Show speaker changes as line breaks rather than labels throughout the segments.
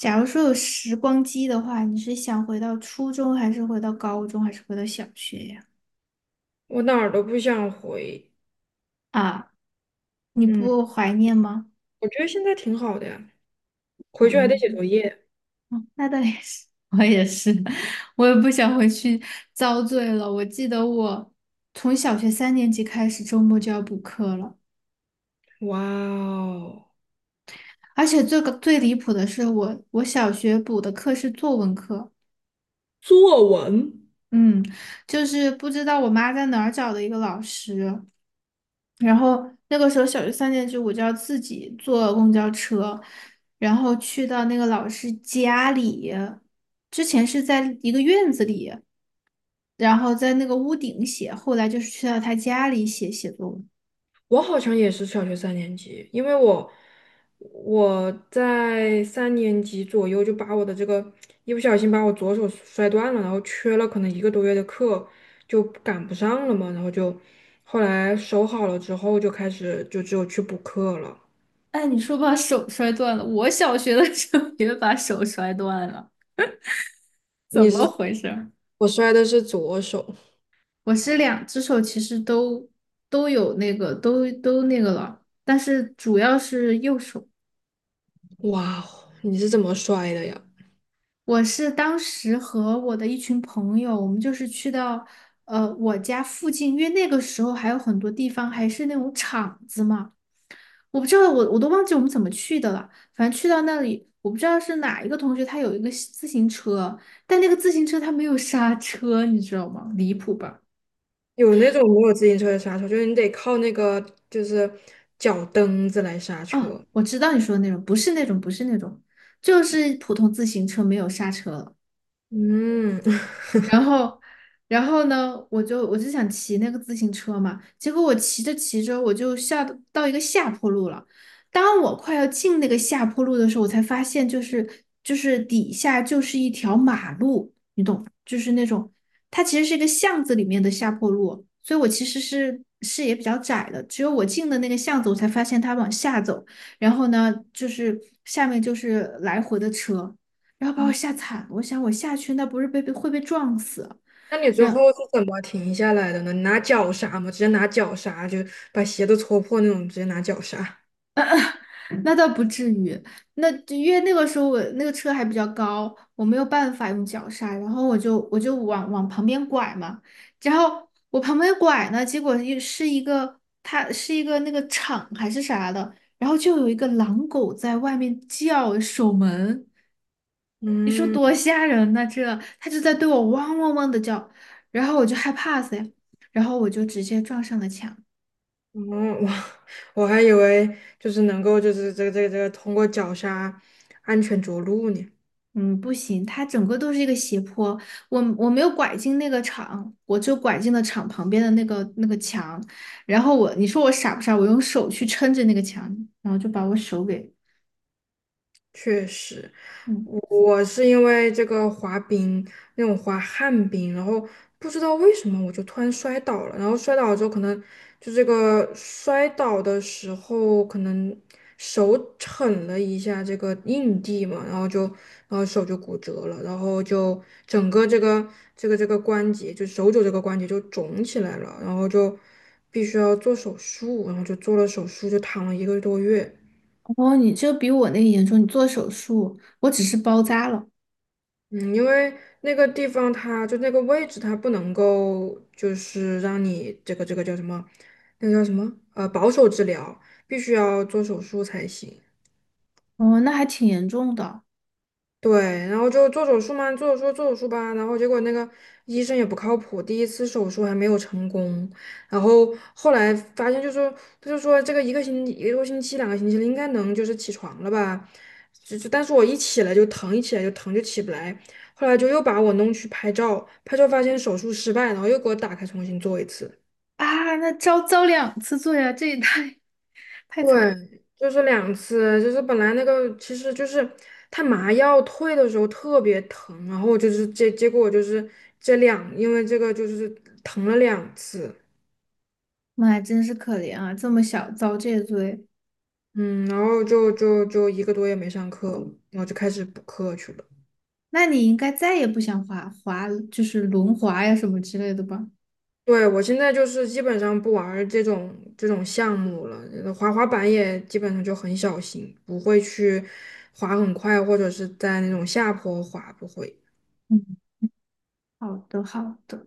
假如说有时光机的话，你是想回到初中，还是回到高中，还是回到小学呀？
我哪儿都不想回。
啊，你
嗯，
不怀念吗？
我觉得现在挺好的呀，回去还得
哦，
写作业。
嗯那倒也是，我也是，我也不想回去遭罪了。我记得我从小学三年级开始，周末就要补课了，
哇哦，
而且最离谱的是我小学补的课是作文课，
作文，
嗯，就是不知道我妈在哪儿找的一个老师。然后那个时候小学三年级，我就要自己坐公交车，然后去到那个老师家里。之前是在一个院子里，然后在那个屋顶写，后来就是去到他家里写作文。
我好像也是小学三年级，因为我在三年级左右就把我的这个一不小心把我左手摔断了，然后缺了可能一个多月的课，就赶不上了嘛，然后就后来手好了之后就开始就只有去补课了。
哎，你说把手摔断了，我小学的时候也把手摔断了，怎
你
么
是，
回事儿？
我摔的是左手，
我是两只手其实都有那个都那个了，但是主要是右手。
哇哦，你是怎么摔的呀？
我是当时和我的一群朋友，我们就是去到我家附近，因为那个时候还有很多地方还是那种厂子嘛，我不知道我都忘记我们怎么去的了，反正去到那里，我不知道是哪一个同学他有一个自行车，但那个自行车他没有刹车，你知道吗？离谱吧？
有那种没有自行车的刹车，就是你得靠那个就是脚蹬子来刹
哦，
车。
我知道你说的那种，不是那种，不是那种，就是普通自行车没有刹车了。
嗯，
然后，然后呢，我就想骑那个自行车嘛，结果我骑着，我就下到一个下坡路了。当我快要进那个下坡路的时候，我才发现，就是底下就是一条马路，你懂，就是那种它其实是一个巷子里面的下坡路，所以我其实是视野比较窄的，只有我进的那个巷子，我才发现它往下走，然后呢，就是下面就是来回的车。然后把我吓惨了。我想我下去那不是会被撞死，
那你最
然
后是怎么停下来的呢？你拿脚刹吗？直接拿脚刹，就把鞋都戳破那种，直接拿脚刹。
那倒不至于，那就因为那个时候我那个车还比较高，我没有办法用脚刹，然后我就往旁边拐嘛，然后我旁边拐呢，结果又是一个它是一个那个厂还是啥的，然后就有一个狼狗在外面叫守门，你说
嗯，
多吓人呐，这它就在对我汪汪汪的叫，然后我就害怕死呀，然后我就直接撞上了墙。
哦，哇，我还以为就是能够就是这个通过脚刹安全着陆呢。
嗯，不行，它整个都是一个斜坡，我没有拐进那个场，我就拐进了场旁边的那个墙，然后我，你说我傻不傻？我用手去撑着那个墙，然后就把我手给，
确实，
嗯，
我是因为这个滑冰那种滑旱冰，然后不知道为什么我就突然摔倒了，然后摔倒了之后可能就这个摔倒的时候可能手蹭了一下这个硬地嘛，然后就然后手就骨折了，然后就整个这个关节就手肘这个关节就肿起来了，然后就必须要做手术，然后就做了手术就躺了一个多月。
哦，你这比我那个严重，你做手术，我只是包扎了，
嗯，因为那个地方它就那个位置，它不能够就是让你这个这个叫什么，那个叫什么保守治疗，必须要做手术才行。
哦，那还挺严重的
对，然后就做手术嘛，做手术吧，然后结果那个医生也不靠谱，第一次手术还没有成功，然后后来发现就说他就说这个一个星期一个多星期两个星期了，应该能就是起床了吧，但是我一起来就疼，一起来就疼就起不来，后来就又把我弄去拍照，拍照发现手术失败，然后又给我打开重新做一次。
啊，那遭两次罪啊，这也太惨，
对，就是两次，就是本来那个其实就是他麻药退的时候特别疼，然后就是结果就是这两，因为这个就是疼了两次，
妈呀，真是可怜啊，这么小遭这罪，
嗯，然后就一个多月没上课了，然后就开始补课去了。
那你应该再也不想就是轮滑呀什么之类的吧？
对，我现在就是基本上不玩儿这种项目了，滑滑板也基本上就很小心，不会去滑很快，或者是在那种下坡滑，不会。
嗯。好的，好的。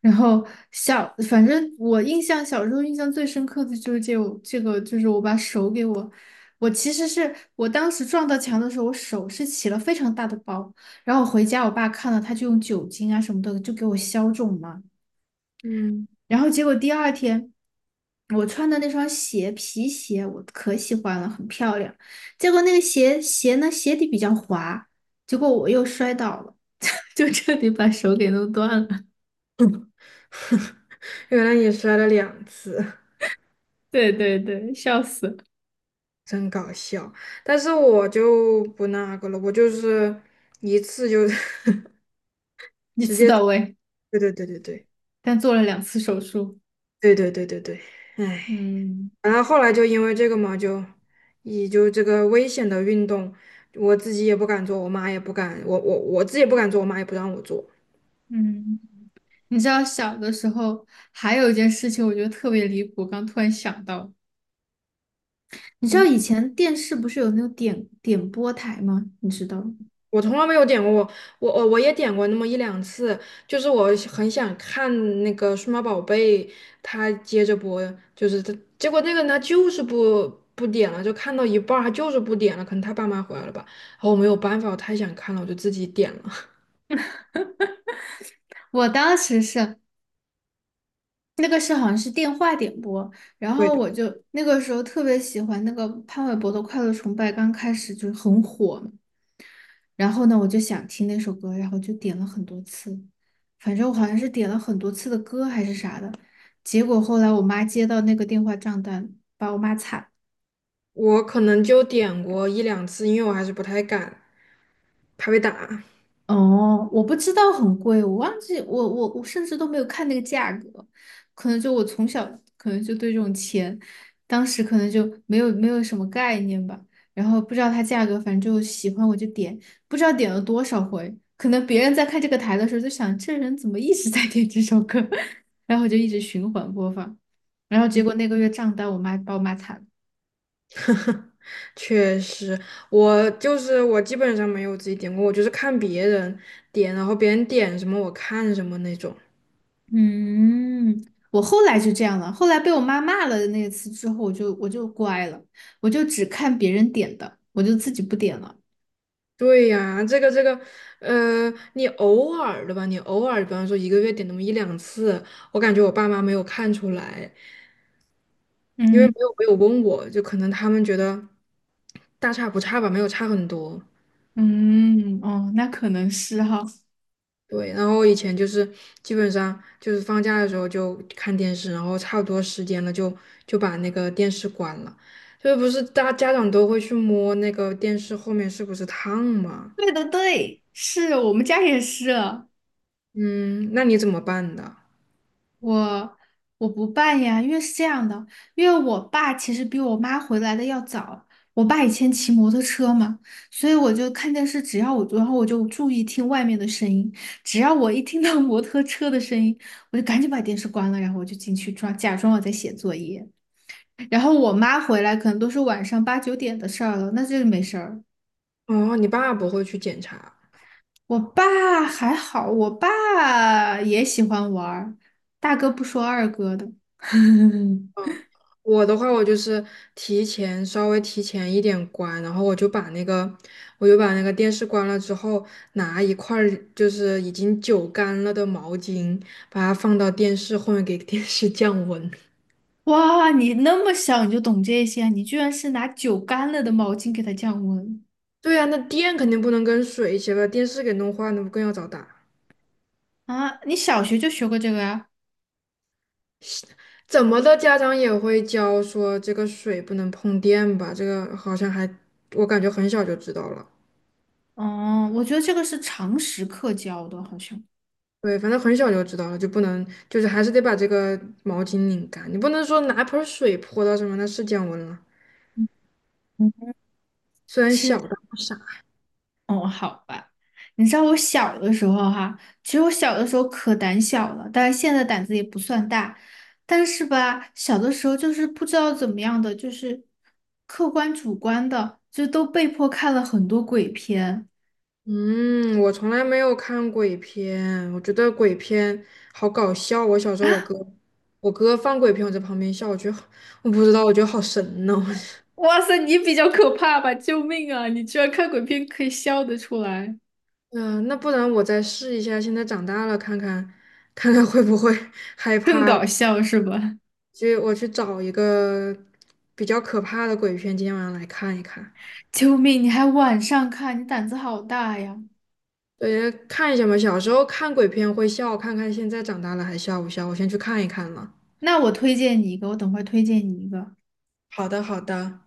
然后小，反正我印象小时候印象最深刻的就是这个，就是我把手给我，我其实是我当时撞到墙的时候，我手是起了非常大的包。然后我回家，我爸看了，他就用酒精啊什么的就给我消肿嘛。
嗯。
然后结果第二天，我穿的那双鞋皮鞋我可喜欢了，很漂亮。结果那个鞋呢鞋底比较滑，结果我又摔倒了，就彻底把手给弄断了。
原来你摔了两次，
对对对，笑死，
真搞笑。但是我就不那个了，我就是一次就
一
直
次
接，
到位，
对对对对对
但做了2次手术。
对对对对对，哎，
嗯
然后后来就因为这个嘛，就也就这个危险的运动，我自己也不敢做，我妈也不敢，我自己也不敢做，我妈也不让我做。
嗯，你知道小的时候还有一件事情，我觉得特别离谱，刚突然想到，你知道以前电视不是有那种播台吗？你知道吗
我从来没有点过，我我也点过那么一两次，就是我很想看那个数码宝贝，它接着播，就是它，结果那个人他就是不点了，就看到一半儿他就是不点了，可能他爸妈回来了吧，然后我没有办法，我太想看了，我就自己点了，
我当时是那个是好像是电话点播，然
对
后我
对，
就那个时候特别喜欢那个潘玮柏的《快乐崇拜》，刚开始就是很火嘛，然后呢，我就想听那首歌，然后就点了很多次，反正我好像是点了很多次的歌还是啥的。结果后来我妈接到那个电话账单，把我骂惨
我可能就点过一两次，因为我还是不太敢，怕被打。
哦，我不知道很贵，我忘记我甚至都没有看那个价格，可能就我从小可能就对这种钱，当时可能就没有什么概念吧，然后不知道它价格，反正就喜欢我就点，不知道点了多少回，可能别人在看这个台的时候就想这人怎么一直在点这首歌，然后我就一直循环播放，然后结果那个月账单我妈把我骂惨了。
确实，我就是我基本上没有自己点过，我就是看别人点，然后别人点什么我看什么那种。
嗯，我后来就这样了。后来被我妈骂了那次之后，我就乖了，我就只看别人点的，我就自己不点了。
对呀，这个，呃，你偶尔的吧，你偶尔，比方说一个月点那么一两次，我感觉我爸妈没有看出来，因为没
嗯
有没有问我，就可能他们觉得大差不差吧，没有差很多。
嗯，哦，那可能是哈。
对，然后以前就是基本上就是放假的时候就看电视，然后差不多时间了就把那个电视关了。就是不是大家长都会去摸那个电视后面是不是烫吗？
对的，对，是我们家也是。
嗯，那你怎么办的？
我我不办呀，因为是这样的，因为我爸其实比我妈回来的要早。我爸以前骑摩托车嘛，所以我就看电视，只要我，然后我就注意听外面的声音，只要我一听到摩托车的声音，我就赶紧把电视关了，然后我就进去装，假装我在写作业。然后我妈回来可能都是晚上8、9点的事儿了，那这就没事儿。
哦，你爸不会去检查。
我爸还好，我爸也喜欢玩儿，大哥不说二哥的。
我的话，我就是提前稍微提前一点关，然后我就把那个电视关了之后，拿一块儿就是已经久干了的毛巾，把它放到电视后面给电视降温。
哇，你那么小你就懂这些啊，你居然是拿酒干了的毛巾给它降温
对呀，那电肯定不能跟水一起把电视给弄坏，那不更要找打？
啊！你小学就学过这个呀？
怎么的，家长也会教说这个水不能碰电吧？这个好像还，我感觉很小就知道了。
哦，我觉得这个是常识课教的，好像。
对，反正很小就知道了，就不能，就是还是得把这个毛巾拧干，你不能说拿盆儿水泼到上面，那是降温了。
嗯，
虽然小，
是
但不傻。
哦，好吧。你知道我小的时候哈，其实我小的时候可胆小了，但是现在胆子也不算大。但是吧，小的时候就是不知道怎么样的，就是客观主观的，就都被迫看了很多鬼片。
嗯，我从来没有看鬼片，我觉得鬼片好搞笑。我小时候，我哥，我哥放鬼片，我在旁边笑，我觉得好我不知道，我觉得好神呢、
哇塞，你比较可怕吧？救命啊！你居然看鬼片可以笑得出来，
嗯、那不然我再试一下，现在长大了，看看会不会 害
更
怕了。
搞笑是吧？
去，我去找一个比较可怕的鬼片，今天晚上来看一看。
救命！你还晚上看，你胆子好大呀！
对，看一下嘛，小时候看鬼片会笑，看看现在长大了还笑不笑？我先去看一看了。
那我推荐你一个，我等会儿推荐你一个，
好的，好的。